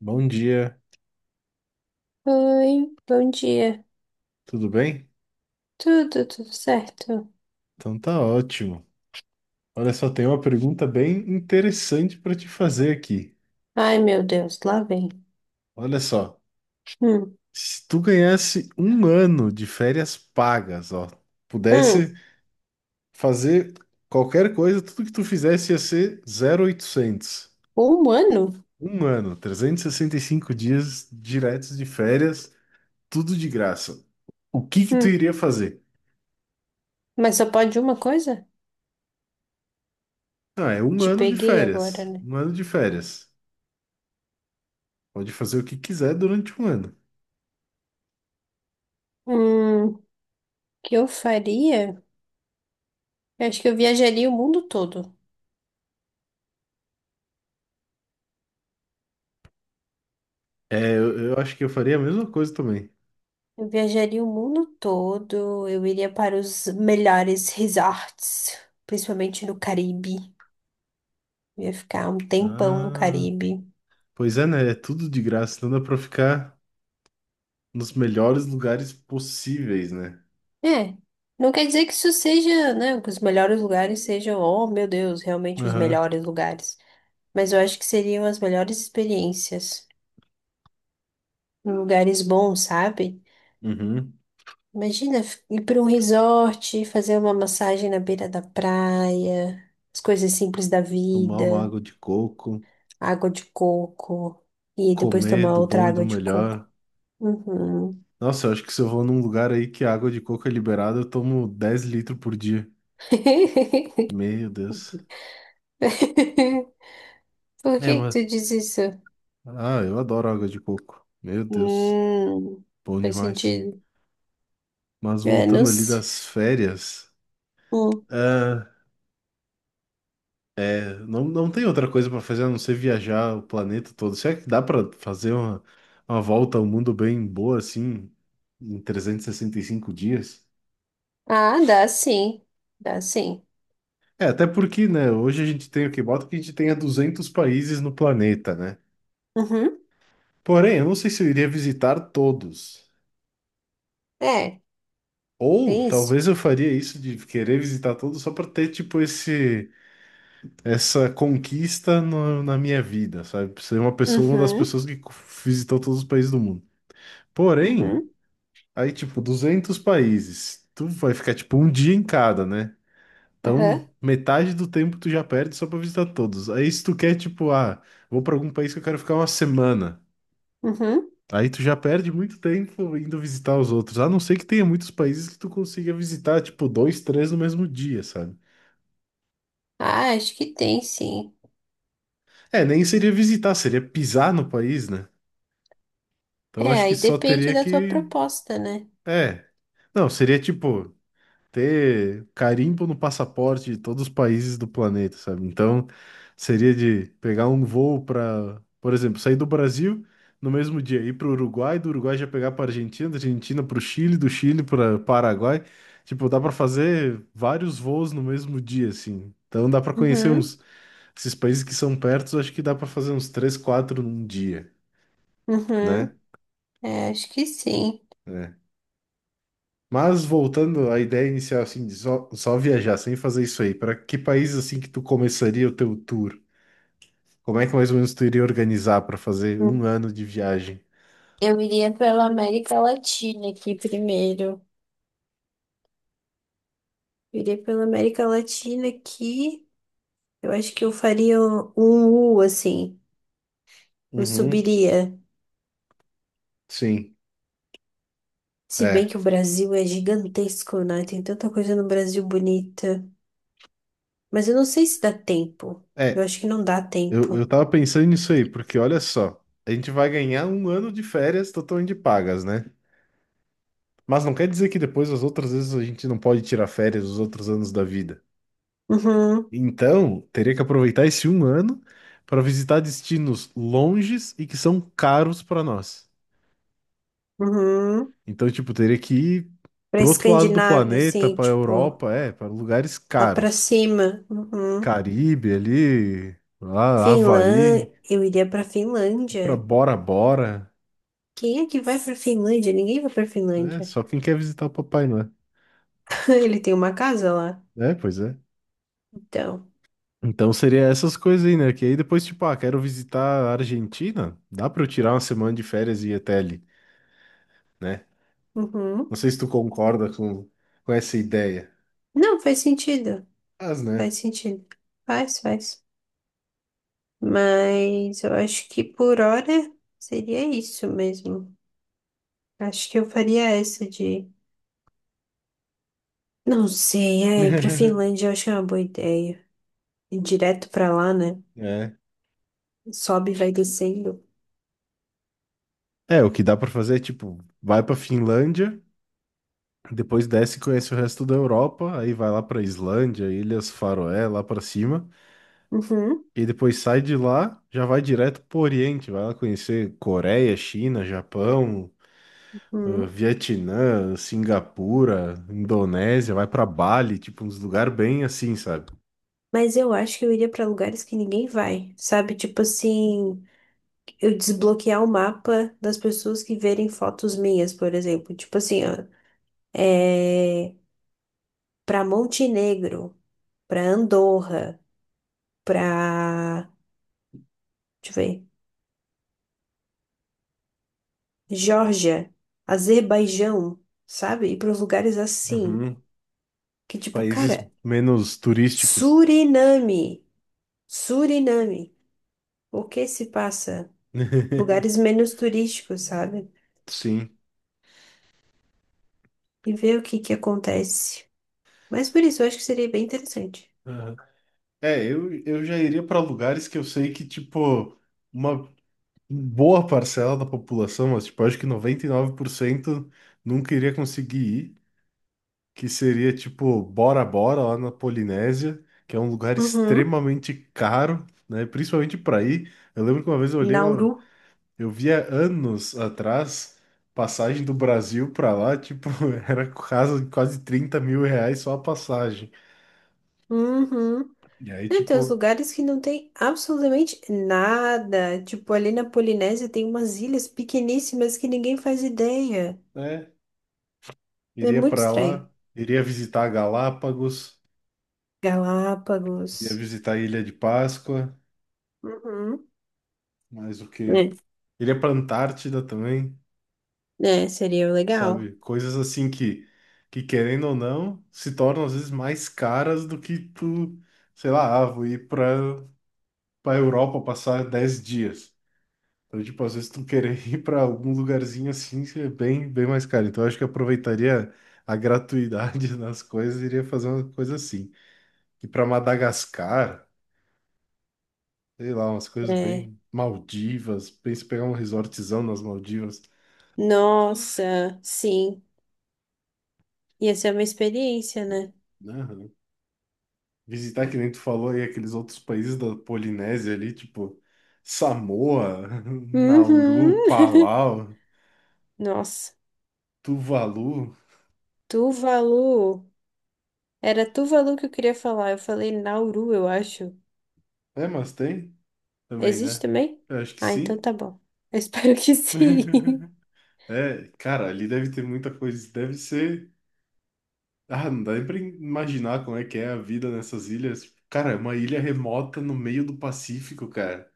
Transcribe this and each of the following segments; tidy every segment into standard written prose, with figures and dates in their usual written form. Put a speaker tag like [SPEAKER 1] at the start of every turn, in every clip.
[SPEAKER 1] Bom dia,
[SPEAKER 2] Oi, bom dia.
[SPEAKER 1] tudo bem?
[SPEAKER 2] Tudo, certo?
[SPEAKER 1] Então tá ótimo. Olha só, tem uma pergunta bem interessante para te fazer aqui.
[SPEAKER 2] Ai, meu Deus, lá vem.
[SPEAKER 1] Olha só,
[SPEAKER 2] Hum,
[SPEAKER 1] se tu ganhasse um ano de férias pagas, ó,
[SPEAKER 2] hum,
[SPEAKER 1] pudesse fazer qualquer coisa, tudo que tu fizesse ia ser 0,800.
[SPEAKER 2] humano?
[SPEAKER 1] Um ano, trezentos e sessenta e cinco dias diretos de férias, tudo de graça. O que que tu
[SPEAKER 2] Hum,
[SPEAKER 1] iria fazer?
[SPEAKER 2] mas só pode uma coisa?
[SPEAKER 1] Ah, é um
[SPEAKER 2] Te
[SPEAKER 1] ano de
[SPEAKER 2] peguei agora,
[SPEAKER 1] férias.
[SPEAKER 2] né?
[SPEAKER 1] Um ano de férias. Pode fazer o que quiser durante um ano.
[SPEAKER 2] O que eu faria? Eu acho que eu viajaria o mundo todo.
[SPEAKER 1] É, eu acho que eu faria a mesma coisa também.
[SPEAKER 2] Eu viajaria o mundo todo. Eu iria para os melhores resorts, principalmente no Caribe. Eu ia ficar um tempão no
[SPEAKER 1] Ah,
[SPEAKER 2] Caribe.
[SPEAKER 1] pois é, né? É tudo de graça, então dá pra ficar nos melhores lugares possíveis, né?
[SPEAKER 2] É, não quer dizer que isso seja, né, que os melhores lugares sejam, oh meu Deus, realmente os
[SPEAKER 1] Aham.
[SPEAKER 2] melhores lugares. Mas eu acho que seriam as melhores experiências, em lugares bons, sabe?
[SPEAKER 1] Uhum.
[SPEAKER 2] Imagina ir para um resort, fazer uma massagem na beira da praia, as coisas simples da
[SPEAKER 1] Tomar uma
[SPEAKER 2] vida,
[SPEAKER 1] água de coco,
[SPEAKER 2] água de coco, e depois
[SPEAKER 1] comer
[SPEAKER 2] tomar
[SPEAKER 1] do
[SPEAKER 2] outra
[SPEAKER 1] bom e do
[SPEAKER 2] água de
[SPEAKER 1] melhor.
[SPEAKER 2] coco. Uhum.
[SPEAKER 1] Nossa, eu acho que se eu vou num lugar aí que a água de coco é liberada, eu tomo 10 litros por dia. Meu Deus.
[SPEAKER 2] Por
[SPEAKER 1] É,
[SPEAKER 2] que que
[SPEAKER 1] mas...
[SPEAKER 2] tu diz isso?
[SPEAKER 1] Ah, eu adoro água de coco. Meu Deus,
[SPEAKER 2] Hum,
[SPEAKER 1] bom
[SPEAKER 2] faz
[SPEAKER 1] demais.
[SPEAKER 2] sentido.
[SPEAKER 1] Mas voltando ali
[SPEAKER 2] Menos
[SPEAKER 1] das férias.
[SPEAKER 2] um.
[SPEAKER 1] ah, Não, não tem outra coisa pra fazer a não ser viajar o planeta todo. Será que dá pra fazer uma volta ao mundo bem boa assim, em trezentos e sessenta e cinco dias?
[SPEAKER 2] Ah, dá sim. Dá sim.
[SPEAKER 1] É, até porque, né, hoje a gente tem o que bota que a gente tenha 200 países no planeta, né?
[SPEAKER 2] Uhum.
[SPEAKER 1] Porém, eu não sei se eu iria visitar todos.
[SPEAKER 2] É,
[SPEAKER 1] Ou
[SPEAKER 2] tem isso.
[SPEAKER 1] talvez eu faria isso de querer visitar todos só pra ter, tipo, esse, essa conquista na minha vida, sabe? Ser uma pessoa, uma das
[SPEAKER 2] Uhum.
[SPEAKER 1] pessoas que visitou todos os países do mundo. Porém.
[SPEAKER 2] Uhum.
[SPEAKER 1] Aí, tipo, 200 países. Tu vai ficar, tipo, um dia em cada, né? Então,
[SPEAKER 2] Aham.
[SPEAKER 1] metade do tempo tu já perde só pra visitar todos. Aí, se tu quer, tipo, ah, vou pra algum país que eu quero ficar uma semana.
[SPEAKER 2] Uhum.
[SPEAKER 1] Aí tu já perde muito tempo indo visitar os outros. A não ser que tenha muitos países que tu consiga visitar, tipo, dois, três no mesmo dia, sabe?
[SPEAKER 2] Ah, acho que tem sim.
[SPEAKER 1] É, nem seria visitar, seria pisar no país, né? Então,
[SPEAKER 2] É,
[SPEAKER 1] acho que
[SPEAKER 2] aí
[SPEAKER 1] só
[SPEAKER 2] depende
[SPEAKER 1] teria
[SPEAKER 2] da tua
[SPEAKER 1] que.
[SPEAKER 2] proposta, né?
[SPEAKER 1] É. Não, seria tipo. Ter carimbo no passaporte de todos os países do planeta, sabe? Então, seria de pegar um voo para, por exemplo, sair do Brasil no mesmo dia, ir para o Uruguai, do Uruguai já pegar para Argentina, da Argentina para o Chile, do Chile para Paraguai. Tipo, dá para fazer vários voos no mesmo dia, assim. Então, dá para conhecer
[SPEAKER 2] Uhum.
[SPEAKER 1] uns esses países que são perto, acho que dá para fazer uns três, quatro num dia, né?
[SPEAKER 2] Uhum. É, acho que sim.
[SPEAKER 1] É. Mas voltando à ideia inicial, assim, de só viajar sem fazer isso aí, para que país assim que tu começaria o teu tour? Como é que mais ou menos tu iria organizar para fazer um
[SPEAKER 2] Hum.
[SPEAKER 1] ano de viagem?
[SPEAKER 2] Eu iria pela América Latina aqui primeiro. Eu iria pela América Latina aqui. Eu acho que eu faria um U, assim. Eu
[SPEAKER 1] Uhum,
[SPEAKER 2] subiria.
[SPEAKER 1] sim,
[SPEAKER 2] Se bem
[SPEAKER 1] é.
[SPEAKER 2] que o Brasil é gigantesco, né? Tem tanta coisa no Brasil bonita. Mas eu não sei se dá tempo. Eu
[SPEAKER 1] É,
[SPEAKER 2] acho que não dá
[SPEAKER 1] eu
[SPEAKER 2] tempo.
[SPEAKER 1] tava pensando nisso aí, porque olha só, a gente vai ganhar um ano de férias totalmente pagas, né? Mas não quer dizer que depois as outras vezes a gente não pode tirar férias os outros anos da vida.
[SPEAKER 2] Uhum,
[SPEAKER 1] Então, teria que aproveitar esse um ano para visitar destinos longes e que são caros para nós.
[SPEAKER 2] uhum.
[SPEAKER 1] Então, tipo, teria que ir
[SPEAKER 2] Pra
[SPEAKER 1] pro outro lado do
[SPEAKER 2] Escandinávia,
[SPEAKER 1] planeta,
[SPEAKER 2] assim,
[SPEAKER 1] pra
[SPEAKER 2] tipo,
[SPEAKER 1] Europa, é, para lugares
[SPEAKER 2] lá pra
[SPEAKER 1] caros.
[SPEAKER 2] cima. Uhum.
[SPEAKER 1] Caribe ali, lá, Havaí,
[SPEAKER 2] Finlândia. Eu iria pra
[SPEAKER 1] pra
[SPEAKER 2] Finlândia.
[SPEAKER 1] Bora Bora.
[SPEAKER 2] Quem é que vai pra Finlândia? Ninguém vai pra
[SPEAKER 1] É,
[SPEAKER 2] Finlândia.
[SPEAKER 1] só quem quer visitar o Papai Noel.
[SPEAKER 2] Ele tem uma casa lá.
[SPEAKER 1] É, pois é.
[SPEAKER 2] Então.
[SPEAKER 1] Então seria essas coisas aí, né? Que aí depois, tipo, ah, quero visitar a Argentina. Dá pra eu tirar uma semana de férias e ir até ali, né?
[SPEAKER 2] Uhum.
[SPEAKER 1] Não sei se tu concorda com essa ideia.
[SPEAKER 2] Não, faz sentido.
[SPEAKER 1] Mas, né?
[SPEAKER 2] Faz sentido. Faz, faz. Mas eu acho que por hora seria isso mesmo. Acho que eu faria essa de. Não sei, é, ir pra Finlândia eu acho que é uma boa ideia. Ir direto pra lá, né?
[SPEAKER 1] É.
[SPEAKER 2] Sobe e vai descendo.
[SPEAKER 1] É, o que dá pra fazer é, tipo, vai pra Finlândia. Depois desce e conhece o resto da Europa, aí vai lá pra Islândia, Ilhas Faroé, lá pra cima,
[SPEAKER 2] Uhum,
[SPEAKER 1] e depois sai de lá, já vai direto pro Oriente, vai lá conhecer Coreia, China, Japão,
[SPEAKER 2] uhum.
[SPEAKER 1] Vietnã, Singapura, Indonésia, vai pra Bali, tipo uns lugares bem assim, sabe?
[SPEAKER 2] Mas eu acho que eu iria pra lugares que ninguém vai, sabe? Tipo assim, eu desbloquear o mapa das pessoas que verem fotos minhas, por exemplo. Tipo assim, ó, é... pra Montenegro, pra Andorra, pra. Deixa eu ver. Geórgia, Azerbaijão, sabe? E para lugares assim,
[SPEAKER 1] Uhum.
[SPEAKER 2] que tipo,
[SPEAKER 1] Países
[SPEAKER 2] cara,
[SPEAKER 1] menos turísticos.
[SPEAKER 2] Suriname, Suriname, o que se passa? Lugares menos turísticos, sabe?
[SPEAKER 1] Sim.
[SPEAKER 2] E ver o que que acontece. Mas por isso, eu acho que seria bem interessante.
[SPEAKER 1] Aham. É, eu já iria pra lugares que eu sei que, tipo, uma boa parcela da população, mas tipo, acho que 99% nunca iria conseguir ir, que seria tipo Bora Bora lá na Polinésia, que é um lugar
[SPEAKER 2] Uhum.
[SPEAKER 1] extremamente caro, né? Principalmente para ir. Eu lembro que uma vez eu olhei,
[SPEAKER 2] Nauru.
[SPEAKER 1] eu via anos atrás passagem do Brasil para lá, tipo, era quase quase 30 mil reais só a passagem.
[SPEAKER 2] Uhum.
[SPEAKER 1] E aí,
[SPEAKER 2] Não, tem uns
[SPEAKER 1] tipo,
[SPEAKER 2] lugares que não tem absolutamente nada. Tipo, ali na Polinésia tem umas ilhas pequeníssimas que ninguém faz ideia.
[SPEAKER 1] né?
[SPEAKER 2] É
[SPEAKER 1] Iria
[SPEAKER 2] muito
[SPEAKER 1] para lá,
[SPEAKER 2] estranho.
[SPEAKER 1] iria visitar Galápagos, iria
[SPEAKER 2] Galápagos.
[SPEAKER 1] visitar a Ilha de Páscoa.
[SPEAKER 2] Uhum.
[SPEAKER 1] Mas o quê? Ele é pra Antártida também,
[SPEAKER 2] É, é, seria legal.
[SPEAKER 1] sabe? Coisas assim que querendo ou não, se tornam às vezes mais caras do que tu, sei lá, ah, vou ir pra Europa passar 10 dias. Então, tipo, às vezes tu querer ir pra algum lugarzinho assim, é bem, bem mais caro. Então, eu acho que eu aproveitaria a gratuidade das coisas e iria fazer uma coisa assim. E pra Madagascar, sei lá, umas coisas
[SPEAKER 2] É.
[SPEAKER 1] bem Maldivas, pensa em pegar um resortzão nas Maldivas,
[SPEAKER 2] Nossa, sim. Ia ser uma experiência, né?
[SPEAKER 1] né? Visitar, que nem tu falou aí, aqueles outros países da Polinésia ali, tipo Samoa,
[SPEAKER 2] Uhum.
[SPEAKER 1] Nauru, Palau,
[SPEAKER 2] Nossa,
[SPEAKER 1] Tuvalu.
[SPEAKER 2] Tuvalu. Era Tuvalu que eu queria falar. Eu falei Nauru, eu acho.
[SPEAKER 1] É, mas tem também,
[SPEAKER 2] Existe
[SPEAKER 1] né?
[SPEAKER 2] também?
[SPEAKER 1] Eu acho que
[SPEAKER 2] Ah, então
[SPEAKER 1] sim.
[SPEAKER 2] tá bom. Eu espero que sim.
[SPEAKER 1] É, cara, ali deve ter muita coisa. Deve ser. Ah, não dá nem pra imaginar como é que é a vida nessas ilhas. Cara, é uma ilha remota no meio do Pacífico, cara.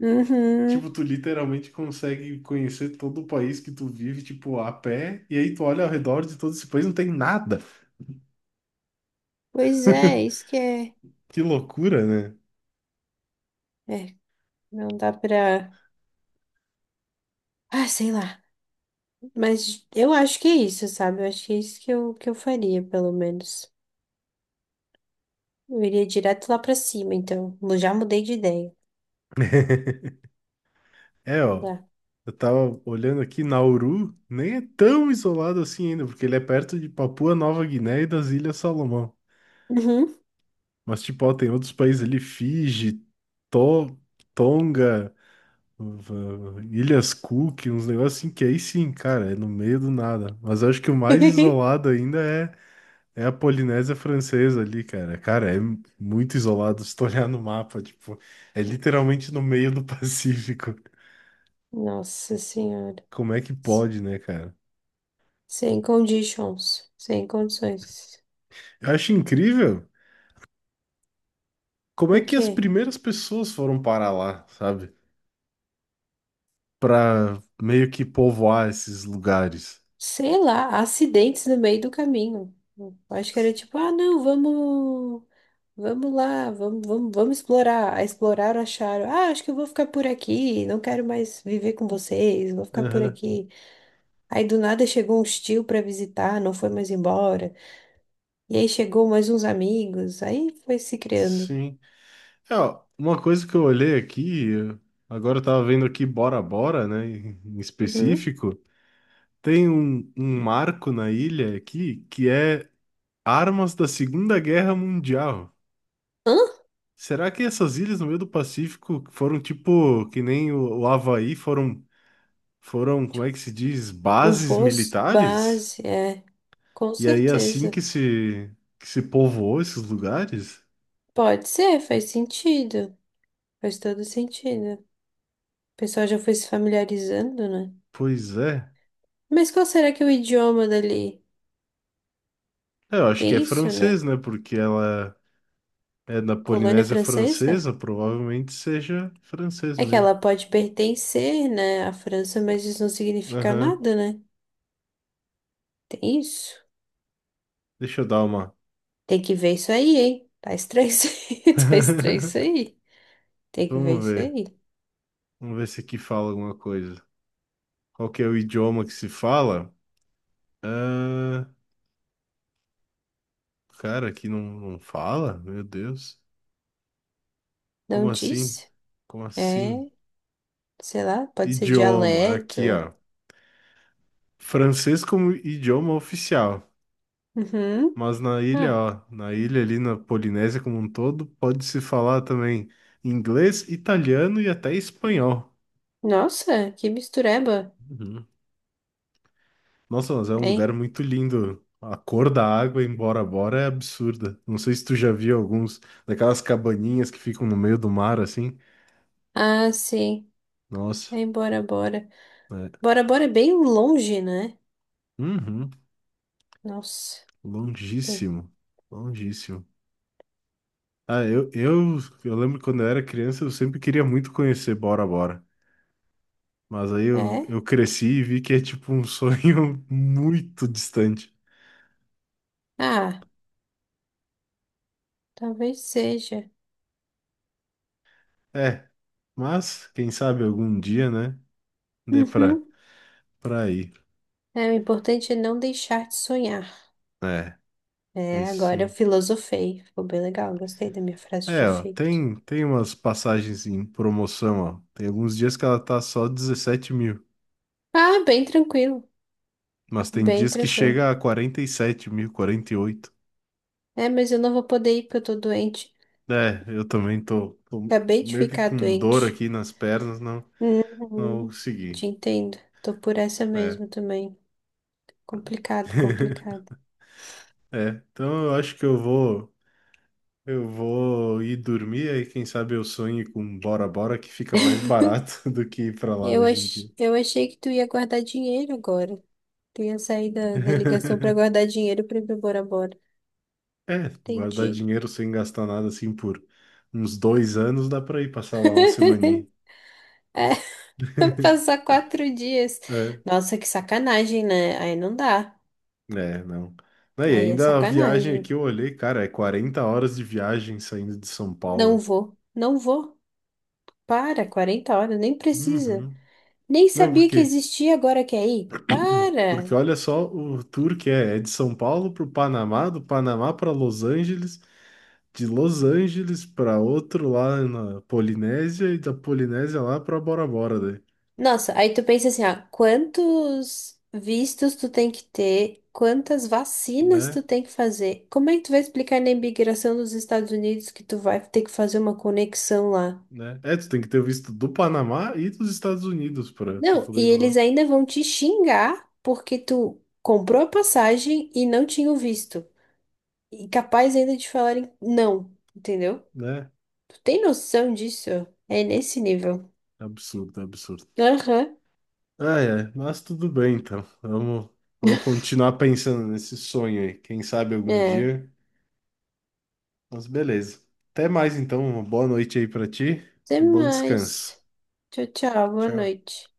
[SPEAKER 2] Uhum.
[SPEAKER 1] Tipo, tu literalmente consegue conhecer todo o país que tu vive, tipo, a pé, e aí tu olha ao redor de todo esse país, não tem nada.
[SPEAKER 2] Pois é, isso que é.
[SPEAKER 1] Que loucura, né?
[SPEAKER 2] É, não dá pra. Ah, sei lá. Mas eu acho que é isso, sabe? Eu acho que é isso que eu faria, pelo menos. Eu iria direto lá pra cima, então. Eu já mudei de ideia.
[SPEAKER 1] É,
[SPEAKER 2] Não
[SPEAKER 1] ó,
[SPEAKER 2] dá.
[SPEAKER 1] eu tava olhando aqui, Nauru nem é tão isolado assim ainda, porque ele é perto de Papua Nova Guiné e das Ilhas Salomão.
[SPEAKER 2] Uhum.
[SPEAKER 1] Mas, tipo, ó, tem outros países ali, Fiji, To- Tonga, v- Ilhas Cook, uns negócios assim que aí sim, cara, é no meio do nada. Mas eu acho que o mais isolado ainda é, é a Polinésia Francesa ali, cara. Cara, é muito isolado se tu olhar no mapa, tipo, é literalmente no meio do Pacífico.
[SPEAKER 2] Nossa Senhora.
[SPEAKER 1] Como é que pode, né, cara?
[SPEAKER 2] Sem conditions. Sem condições.
[SPEAKER 1] Eu acho incrível como é
[SPEAKER 2] O
[SPEAKER 1] que as
[SPEAKER 2] quê?
[SPEAKER 1] primeiras pessoas foram parar lá, sabe? Pra meio que povoar esses lugares.
[SPEAKER 2] Sei lá, acidentes no meio do caminho. Eu acho que era tipo, ah, não, vamos. Vamos lá, vamos, vamos, vamos explorar. Ah, exploraram, acharam. Ah, acho que eu vou ficar por aqui, não quero mais viver com vocês, vou ficar por
[SPEAKER 1] Aham,
[SPEAKER 2] aqui. Aí do nada chegou um tio pra visitar, não foi mais embora. E aí chegou mais uns amigos, aí foi se criando.
[SPEAKER 1] sim. É, ó, uma coisa que eu olhei aqui, agora eu tava vendo aqui Bora Bora, né, em
[SPEAKER 2] Uhum.
[SPEAKER 1] específico, tem um marco na ilha aqui que é armas da Segunda Guerra Mundial.
[SPEAKER 2] Hã?
[SPEAKER 1] Será que essas ilhas no meio do Pacífico foram tipo que nem o Havaí, foram como
[SPEAKER 2] Tipo,
[SPEAKER 1] é que se diz,
[SPEAKER 2] um
[SPEAKER 1] bases
[SPEAKER 2] posto
[SPEAKER 1] militares?
[SPEAKER 2] base, é, com
[SPEAKER 1] E aí assim
[SPEAKER 2] certeza.
[SPEAKER 1] que se povoou esses lugares?
[SPEAKER 2] Pode ser, faz sentido. Faz todo sentido. O pessoal já foi se familiarizando, né?
[SPEAKER 1] Pois é.
[SPEAKER 2] Mas qual será que é o idioma dali?
[SPEAKER 1] É, eu acho que é
[SPEAKER 2] Tem isso,
[SPEAKER 1] francês,
[SPEAKER 2] né?
[SPEAKER 1] né? Porque ela é da
[SPEAKER 2] Colônia
[SPEAKER 1] Polinésia
[SPEAKER 2] francesa?
[SPEAKER 1] Francesa, provavelmente seja francês
[SPEAKER 2] É que
[SPEAKER 1] mesmo.
[SPEAKER 2] ela pode pertencer, né, à França, mas isso não significa
[SPEAKER 1] Aham.
[SPEAKER 2] nada, né? Tem isso.
[SPEAKER 1] Deixa eu dar uma.
[SPEAKER 2] Tem que ver isso aí, hein? Tá estranho isso aí. Tá estranho isso aí. Tem que ver
[SPEAKER 1] Vamos
[SPEAKER 2] isso
[SPEAKER 1] ver.
[SPEAKER 2] aí.
[SPEAKER 1] Vamos ver se aqui fala alguma coisa. Qual que é o idioma que se fala? Ah, cara, aqui não, não fala? Meu Deus. Como
[SPEAKER 2] Não
[SPEAKER 1] assim?
[SPEAKER 2] disse?
[SPEAKER 1] Como assim?
[SPEAKER 2] É, sei lá, pode ser
[SPEAKER 1] Idioma, aqui,
[SPEAKER 2] dialeto.
[SPEAKER 1] ó. Francês como idioma oficial,
[SPEAKER 2] Uhum.
[SPEAKER 1] mas na ilha,
[SPEAKER 2] Ah,
[SPEAKER 1] ó, na ilha ali na Polinésia como um todo, pode-se falar também inglês, italiano e até espanhol.
[SPEAKER 2] nossa, que mistureba.
[SPEAKER 1] Uhum. Nossa, mas é um lugar
[SPEAKER 2] É.
[SPEAKER 1] muito lindo. A cor da água em Bora Bora é absurda. Não sei se tu já viu alguns daquelas cabaninhas que ficam no meio do mar assim.
[SPEAKER 2] Ah, sim.
[SPEAKER 1] Nossa,
[SPEAKER 2] É, Bora, Bora.
[SPEAKER 1] é.
[SPEAKER 2] Bora, Bora é bem longe, né?
[SPEAKER 1] Uhum.
[SPEAKER 2] Nossa. Tem-
[SPEAKER 1] Longíssimo, longíssimo. Ah, eu lembro que quando eu era criança, eu sempre queria muito conhecer Bora Bora. Mas aí
[SPEAKER 2] É?
[SPEAKER 1] eu cresci e vi que é tipo um sonho muito distante.
[SPEAKER 2] Ah, talvez seja.
[SPEAKER 1] É, mas quem sabe algum dia, né? Dê
[SPEAKER 2] Uhum.
[SPEAKER 1] pra ir.
[SPEAKER 2] É, o importante é não deixar de sonhar.
[SPEAKER 1] É,
[SPEAKER 2] É,
[SPEAKER 1] isso
[SPEAKER 2] agora eu
[SPEAKER 1] sim.
[SPEAKER 2] filosofei. Ficou bem legal, gostei da minha frase de
[SPEAKER 1] É, ó,
[SPEAKER 2] efeito.
[SPEAKER 1] tem umas passagens em promoção, ó. Tem alguns dias que ela tá só 17 mil.
[SPEAKER 2] Ah, bem tranquilo.
[SPEAKER 1] Mas tem
[SPEAKER 2] Bem
[SPEAKER 1] dias que
[SPEAKER 2] tranquilo.
[SPEAKER 1] chega a 47 mil, 48 mil.
[SPEAKER 2] É, mas eu não vou poder ir porque eu tô doente.
[SPEAKER 1] É, eu também tô
[SPEAKER 2] Acabei de
[SPEAKER 1] meio que
[SPEAKER 2] ficar
[SPEAKER 1] com dor
[SPEAKER 2] doente.
[SPEAKER 1] aqui nas pernas, não. Não
[SPEAKER 2] Uhum. Eu
[SPEAKER 1] consegui.
[SPEAKER 2] te entendo. Tô por essa
[SPEAKER 1] É.
[SPEAKER 2] mesmo também. Complicado, complicado.
[SPEAKER 1] É. Então eu acho que eu vou. Eu vou ir dormir, aí quem sabe eu sonhe com Bora Bora, que fica mais barato do que ir pra lá hoje em dia.
[SPEAKER 2] Eu achei que tu ia guardar dinheiro agora. Tu ia sair da ligação pra guardar dinheiro pra ir pra Bora Bora.
[SPEAKER 1] É, guardar
[SPEAKER 2] Entendi.
[SPEAKER 1] dinheiro sem gastar nada assim por uns dois anos, dá pra ir passar lá uma semaninha.
[SPEAKER 2] É, passar quatro dias.
[SPEAKER 1] É,
[SPEAKER 2] Nossa, que sacanagem, né? Aí não dá.
[SPEAKER 1] é, não. Não, e
[SPEAKER 2] Aí é
[SPEAKER 1] ainda a viagem aqui
[SPEAKER 2] sacanagem.
[SPEAKER 1] eu olhei, cara, é 40 horas de viagem saindo de São
[SPEAKER 2] Não
[SPEAKER 1] Paulo.
[SPEAKER 2] vou, não vou. Para, 40 horas, nem precisa.
[SPEAKER 1] Uhum.
[SPEAKER 2] Nem
[SPEAKER 1] Não,
[SPEAKER 2] sabia que
[SPEAKER 1] porque
[SPEAKER 2] existia, agora quer ir. Para!
[SPEAKER 1] porque olha só o tour que é, de São Paulo para o Panamá, do Panamá para Los Angeles, de Los Angeles para outro lá na Polinésia e da Polinésia lá para Bora Bora, daí.
[SPEAKER 2] Nossa, aí tu pensa assim, ah, quantos vistos tu tem que ter, quantas vacinas
[SPEAKER 1] Né?
[SPEAKER 2] tu tem que fazer. Como é que tu vai explicar na imigração dos Estados Unidos que tu vai ter que fazer uma conexão lá?
[SPEAKER 1] Né? É, tu tem que ter o visto do Panamá e dos Estados Unidos para
[SPEAKER 2] Não,
[SPEAKER 1] poder ir
[SPEAKER 2] e
[SPEAKER 1] pra lá,
[SPEAKER 2] eles ainda vão te xingar porque tu comprou a passagem e não tinha o visto. E capaz ainda de falarem não, entendeu?
[SPEAKER 1] né?
[SPEAKER 2] Tu tem noção disso? É nesse nível.
[SPEAKER 1] Absurdo, absurdo.
[SPEAKER 2] Aham.
[SPEAKER 1] Ah, é, mas tudo bem então. Vamos, vamos continuar pensando nesse sonho aí. Quem sabe algum
[SPEAKER 2] É.
[SPEAKER 1] dia. Mas beleza. Até mais então. Uma boa noite aí pra ti.
[SPEAKER 2] Até
[SPEAKER 1] Um bom descanso.
[SPEAKER 2] mais. Tchau, tchau. Boa
[SPEAKER 1] Tchau.
[SPEAKER 2] noite.